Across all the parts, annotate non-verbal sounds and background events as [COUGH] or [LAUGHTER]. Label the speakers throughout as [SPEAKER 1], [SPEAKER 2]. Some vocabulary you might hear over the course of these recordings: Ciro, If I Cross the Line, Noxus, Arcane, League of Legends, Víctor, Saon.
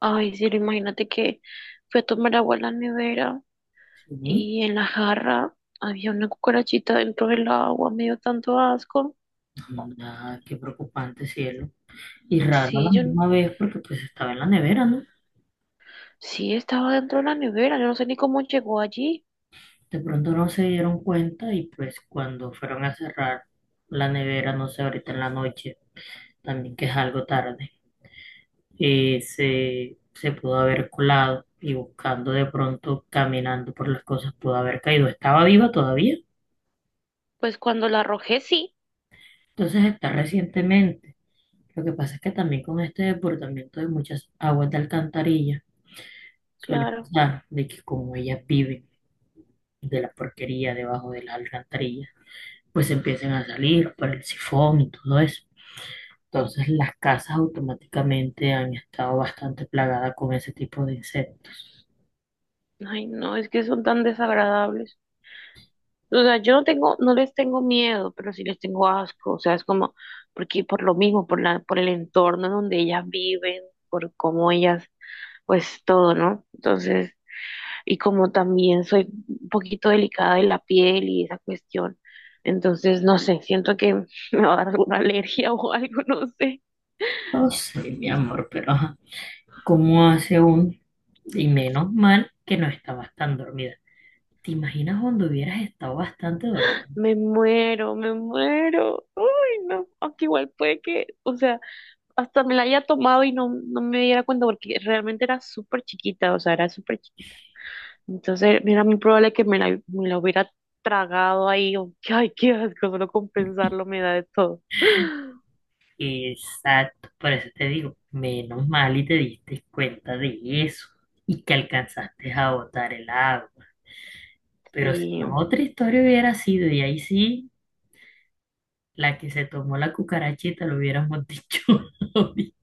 [SPEAKER 1] Ay, Ciro, imagínate que fui a tomar agua a la nevera
[SPEAKER 2] Sí,
[SPEAKER 1] y en la jarra había una cucarachita dentro del agua, me dio tanto asco.
[SPEAKER 2] nada, qué preocupante, cielo. Y raro a la
[SPEAKER 1] Sí,
[SPEAKER 2] misma vez porque pues estaba en la nevera, ¿no?
[SPEAKER 1] sí estaba dentro de la nevera, yo no sé ni cómo llegó allí.
[SPEAKER 2] De pronto no se dieron cuenta y pues cuando fueron a cerrar la nevera, no sé, ahorita en la noche, también que es algo tarde, se pudo haber colado y buscando de pronto, caminando por las cosas, pudo haber caído. Estaba viva todavía,
[SPEAKER 1] Pues cuando la arrojé, sí,
[SPEAKER 2] entonces está recientemente. Lo que pasa es que también con este desbordamiento de muchas aguas de alcantarilla suele
[SPEAKER 1] claro.
[SPEAKER 2] pasar de que como ella vive de la porquería debajo de las alcantarillas, pues empiecen a salir por el sifón y todo eso. Entonces las casas automáticamente han estado bastante plagadas con ese tipo de insectos.
[SPEAKER 1] Ay, no, es que son tan desagradables. O sea, yo no tengo, no les tengo miedo, pero sí les tengo asco. O sea, es como, porque por lo mismo, por el entorno donde ellas viven, por cómo ellas, pues todo, ¿no? Entonces, y como también soy un poquito delicada de la piel y esa cuestión, entonces no sé, siento que [LAUGHS] me va a dar alguna alergia o algo, [LAUGHS] no sé.
[SPEAKER 2] No sé, mi amor, pero ajá, ¿cómo hace un? Y menos mal que no estabas tan dormida. ¿Te imaginas cuando hubieras estado bastante dormida?
[SPEAKER 1] Me muero, me muero. Uy, no, aunque igual puede que, o sea, hasta me la haya tomado y no, no me diera cuenta porque realmente era súper chiquita, o sea, era súper chiquita. Entonces era muy probable que me la hubiera tragado ahí, o- ay, qué asco, solo con pensarlo me da de todo. [GASPS]
[SPEAKER 2] Exacto, por eso te digo, menos mal y te diste cuenta de eso y que alcanzaste a botar el agua. Pero si
[SPEAKER 1] Sí.
[SPEAKER 2] no, otra historia hubiera sido, y ahí sí la que se tomó la cucarachita, lo hubiéramos dicho. [LAUGHS]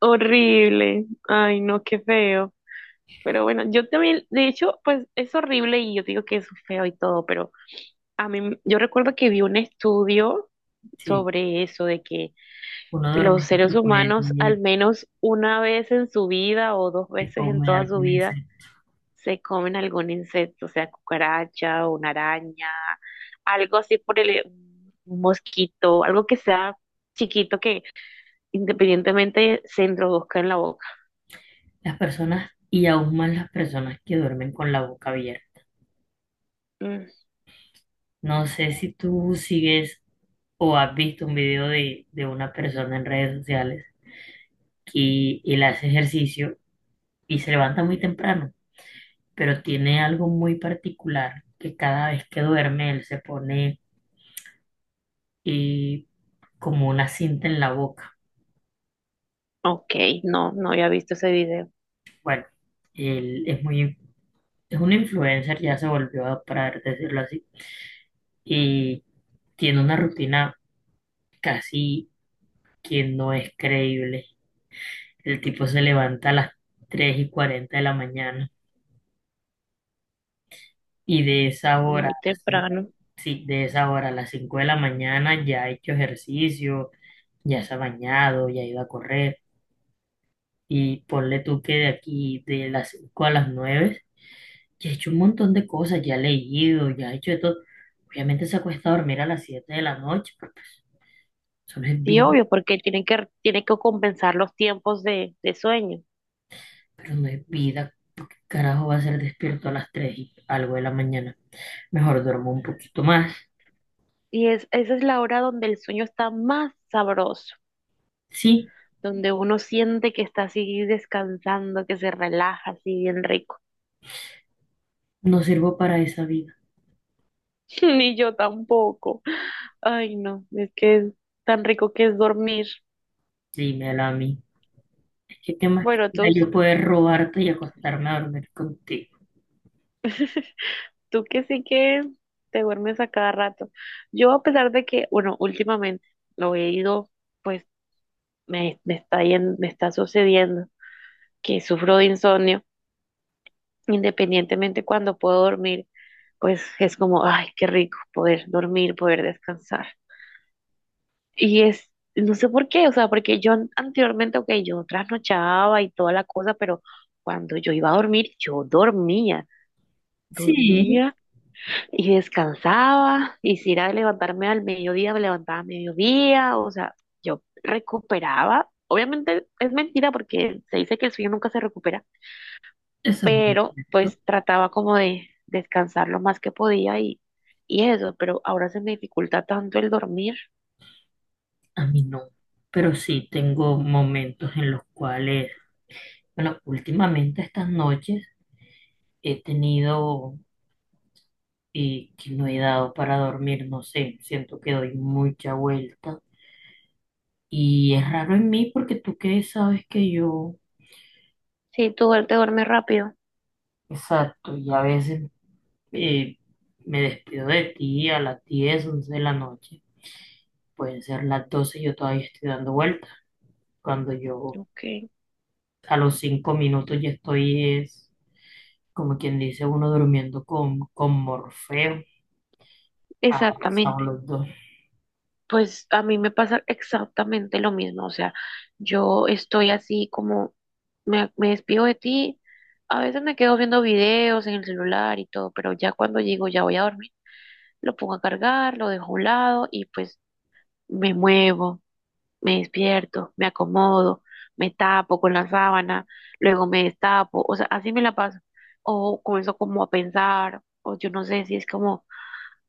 [SPEAKER 1] Horrible. Ay, no, qué feo. Pero bueno, yo también, de hecho, pues es horrible y yo digo que es feo y todo, pero a mí, yo recuerdo que vi un estudio
[SPEAKER 2] Sí,
[SPEAKER 1] sobre eso, de que
[SPEAKER 2] uno
[SPEAKER 1] los
[SPEAKER 2] duerme
[SPEAKER 1] seres
[SPEAKER 2] no puede,
[SPEAKER 1] humanos al menos una vez en su vida o dos
[SPEAKER 2] se
[SPEAKER 1] veces en
[SPEAKER 2] come
[SPEAKER 1] toda su
[SPEAKER 2] algún
[SPEAKER 1] vida
[SPEAKER 2] insecto.
[SPEAKER 1] se comen algún insecto, o sea, cucaracha o una araña, algo así por el un mosquito, algo que sea chiquito que independientemente se introduzca en la boca.
[SPEAKER 2] Las personas, y aún más las personas que duermen con la boca abierta.
[SPEAKER 1] Mm.
[SPEAKER 2] No sé si tú sigues o has visto un video de una persona en redes sociales que él hace ejercicio y se levanta muy temprano, pero tiene algo muy particular, que cada vez que duerme él se pone eh, como una cinta en la boca.
[SPEAKER 1] Ok, no, no había visto ese video
[SPEAKER 2] Bueno, él es muy es un influencer, ya se volvió para decirlo así, y tiene una rutina casi que no es creíble. El tipo se levanta a las 3:40 de la mañana y de esa hora,
[SPEAKER 1] muy
[SPEAKER 2] así,
[SPEAKER 1] temprano.
[SPEAKER 2] sí, de esa hora a las 5 de la mañana ya ha hecho ejercicio, ya se ha bañado, ya ha ido a correr. Y ponle tú que de aquí, de las 5 a las 9, ya ha hecho un montón de cosas, ya ha leído, ya ha hecho de todo. Obviamente se acuesta a dormir a las 7 de la noche, porque pues, eso no es
[SPEAKER 1] Sí,
[SPEAKER 2] vida,
[SPEAKER 1] obvio, porque tienen que compensar los tiempos de sueño.
[SPEAKER 2] pero no es vida. ¿Por ¿Qué carajo va a ser despierto a las 3 y algo de la mañana? Mejor duermo un poquito más.
[SPEAKER 1] Y es, esa es la hora donde el sueño está más sabroso,
[SPEAKER 2] Sí,
[SPEAKER 1] donde uno siente que está así descansando, que se relaja así bien rico.
[SPEAKER 2] no sirvo para esa vida.
[SPEAKER 1] [LAUGHS] Ni yo tampoco. Ay, no, es que es tan rico que es dormir.
[SPEAKER 2] Dímela a mí. Es que qué más
[SPEAKER 1] Bueno,
[SPEAKER 2] quisiera
[SPEAKER 1] tú,
[SPEAKER 2] yo poder robarte y acostarme a dormir contigo.
[SPEAKER 1] tú que sí que te duermes a cada rato. Yo, a pesar de que, bueno, últimamente lo he ido, pues me está sucediendo que sufro de insomnio, independientemente cuando puedo dormir, pues es como, ay, qué rico poder dormir, poder descansar. Y es, no sé por qué, o sea, porque yo anteriormente, ok, yo trasnochaba y toda la cosa, pero cuando yo iba a dormir, yo dormía,
[SPEAKER 2] Sí,
[SPEAKER 1] dormía y descansaba, y si era de levantarme al mediodía, me levantaba a mediodía, o sea, yo recuperaba. Obviamente es mentira porque se dice que el sueño nunca se recupera,
[SPEAKER 2] eso es muy
[SPEAKER 1] pero
[SPEAKER 2] cierto.
[SPEAKER 1] pues trataba como de descansar lo más que podía y eso, pero ahora se me dificulta tanto el dormir.
[SPEAKER 2] A mí no. Pero sí tengo momentos en los cuales, bueno, últimamente estas noches he tenido que no he dado para dormir, no sé, siento que doy mucha vuelta. Y es raro en mí porque tú que sabes que yo,
[SPEAKER 1] Sí, tú duer- te duermes rápido.
[SPEAKER 2] exacto, y a veces eh, me despido de ti a las 10 11 de la noche, pueden ser las 12 y yo todavía estoy dando vueltas, cuando yo
[SPEAKER 1] Ok,
[SPEAKER 2] a los 5 minutos ya estoy, es como quien dice uno durmiendo con, Morfeo, abrazados
[SPEAKER 1] exactamente.
[SPEAKER 2] los dos.
[SPEAKER 1] Pues a mí me pasa exactamente lo mismo, o sea, yo estoy así como, me despido de ti, a veces me quedo viendo videos en el celular y todo, pero ya cuando llego ya voy a dormir, lo pongo a cargar, lo dejo a un lado y pues me muevo, me despierto, me acomodo, me tapo con la sábana, luego me destapo, o sea, así me la paso. O comienzo como a pensar, o yo no sé si es como,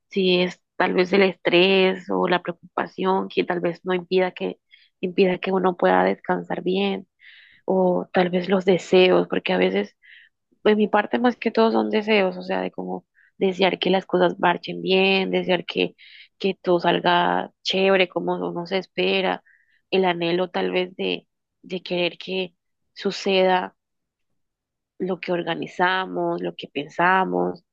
[SPEAKER 1] si es tal vez el estrés o la preocupación que tal vez no impida que, impida que uno pueda descansar bien, o tal vez los deseos, porque a veces de mi parte más que todo son deseos, o sea, de como desear que las cosas marchen bien, desear que todo salga chévere, como uno se espera, el anhelo tal vez de querer que suceda lo que organizamos, lo que pensamos.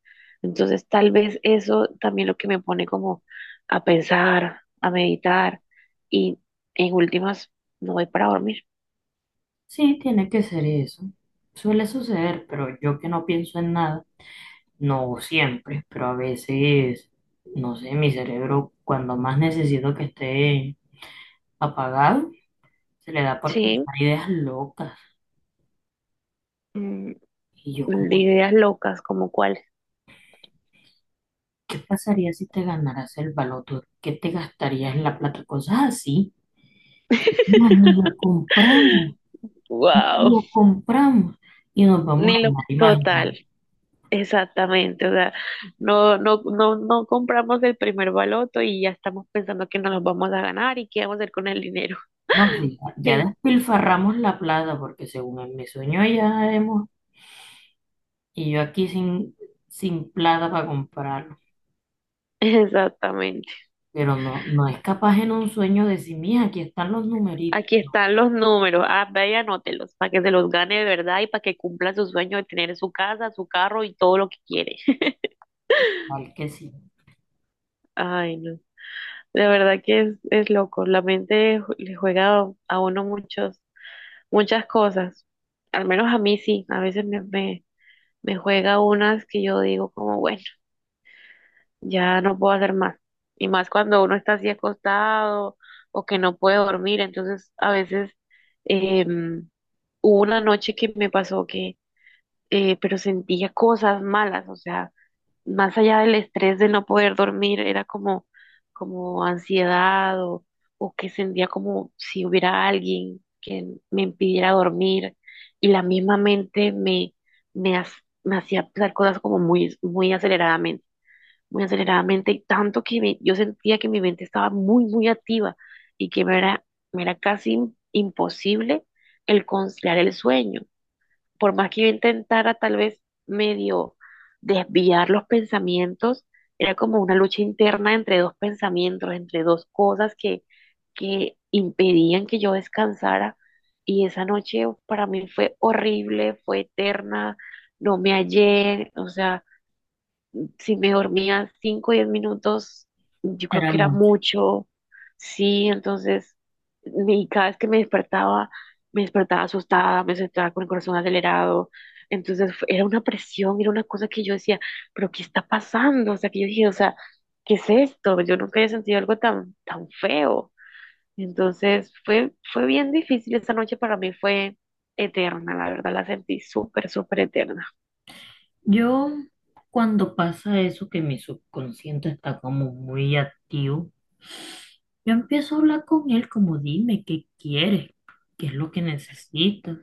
[SPEAKER 1] Entonces, tal vez eso también lo que me pone como a pensar, a meditar y en últimas no voy para dormir.
[SPEAKER 2] Sí, tiene que ser eso, suele suceder, pero yo que no pienso en nada. No siempre, pero a veces, no sé, mi cerebro cuando más necesito que esté apagado, se le da por
[SPEAKER 1] Sí,
[SPEAKER 2] pensar ideas locas.
[SPEAKER 1] mm,
[SPEAKER 2] Y yo como,
[SPEAKER 1] ideas locas como cuál.
[SPEAKER 2] ¿qué pasaría si te ganaras el baloto? ¿Qué te gastarías en la plata? Cosas así. No, ni lo
[SPEAKER 1] [LAUGHS]
[SPEAKER 2] compramos, no
[SPEAKER 1] Wow,
[SPEAKER 2] lo compramos. Y nos vamos
[SPEAKER 1] ni
[SPEAKER 2] a
[SPEAKER 1] lo
[SPEAKER 2] andar imaginando.
[SPEAKER 1] total, exactamente, o sea, no, no, no, no compramos el primer baloto y ya estamos pensando que nos los vamos a ganar y qué vamos a hacer con el dinero.
[SPEAKER 2] No, sí, ya
[SPEAKER 1] [LAUGHS]
[SPEAKER 2] despilfarramos la plata porque según en mi sueño ya hemos, y yo aquí sin, plata para comprar.
[SPEAKER 1] Exactamente.
[SPEAKER 2] Pero no, no es capaz en un sueño de sí mija, aquí están los numeritos,
[SPEAKER 1] Aquí están los números. Ah, ve y anótelos para que se los gane de verdad y para que cumpla su sueño de tener su casa, su carro y todo lo que quiere. [LAUGHS]
[SPEAKER 2] tal que sí,
[SPEAKER 1] Ay, no. De verdad que es loco. La mente le juega a uno muchos, muchas cosas. Al menos a mí sí. A veces me juega unas que yo digo como, bueno, ya no puedo hacer más. Y más cuando uno está así acostado o que no puede dormir, entonces a veces em, hubo una noche que me pasó que, pero sentía cosas malas, o sea más allá del estrés de no poder dormir, era como, como ansiedad o que sentía como si hubiera alguien que me impidiera dormir y la misma mente me, ha- me hacía pensar cosas como muy, muy aceleradamente y tanto que me- yo sentía que mi mente estaba muy, muy activa y que me era casi imposible el conciliar el sueño por más que yo intentara tal vez medio desviar los pensamientos, era como una lucha interna entre dos pensamientos, entre dos cosas que impedían que yo descansara. Y esa noche para mí fue horrible, fue eterna, no me hallé, o sea, si me dormía 5 o 10 minutos, yo creo
[SPEAKER 2] era
[SPEAKER 1] que era
[SPEAKER 2] mucho.
[SPEAKER 1] mucho, sí, entonces, y cada vez que me despertaba asustada, me despertaba con el corazón acelerado, entonces fue- era una presión, era una cosa que yo decía, pero ¿qué está pasando? O sea, que yo dije, o sea, ¿qué es esto? Yo nunca había sentido algo tan, tan feo. Entonces fue, fue bien difícil, esa noche para mí fue eterna, la verdad la sentí súper, súper eterna.
[SPEAKER 2] Yo, cuando pasa eso, que mi subconsciente está como muy activo, yo empiezo a hablar con él como dime qué quieres, qué es lo que necesitas.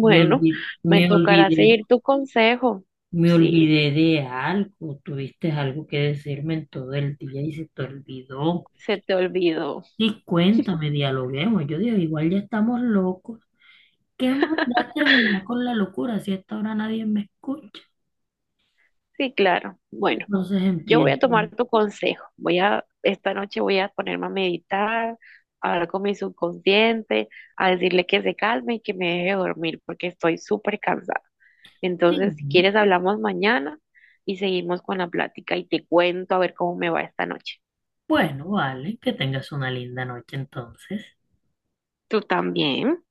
[SPEAKER 2] Me olvidé,
[SPEAKER 1] me
[SPEAKER 2] me
[SPEAKER 1] tocará
[SPEAKER 2] olvidé,
[SPEAKER 1] seguir tu consejo.
[SPEAKER 2] me
[SPEAKER 1] Sí,
[SPEAKER 2] olvidé de algo, tuviste algo que decirme en todo el día y se te olvidó.
[SPEAKER 1] se te olvidó.
[SPEAKER 2] Y
[SPEAKER 1] [LAUGHS]
[SPEAKER 2] cuéntame, dialoguemos. Yo digo, igual ya estamos locos. Que más da terminar con la locura si a esta hora nadie me escucha?
[SPEAKER 1] Sí, claro. Bueno,
[SPEAKER 2] Entonces
[SPEAKER 1] yo voy
[SPEAKER 2] empiezo.
[SPEAKER 1] a tomar tu consejo. Voy a, esta noche voy a ponerme a meditar, a hablar con mi subconsciente, a decirle que se calme y que me deje dormir porque estoy súper cansada. Entonces, si
[SPEAKER 2] Sí.
[SPEAKER 1] quieres, hablamos mañana y seguimos con la plática y te cuento a ver cómo me va esta noche.
[SPEAKER 2] Bueno, vale, que tengas una linda noche entonces.
[SPEAKER 1] Tú también.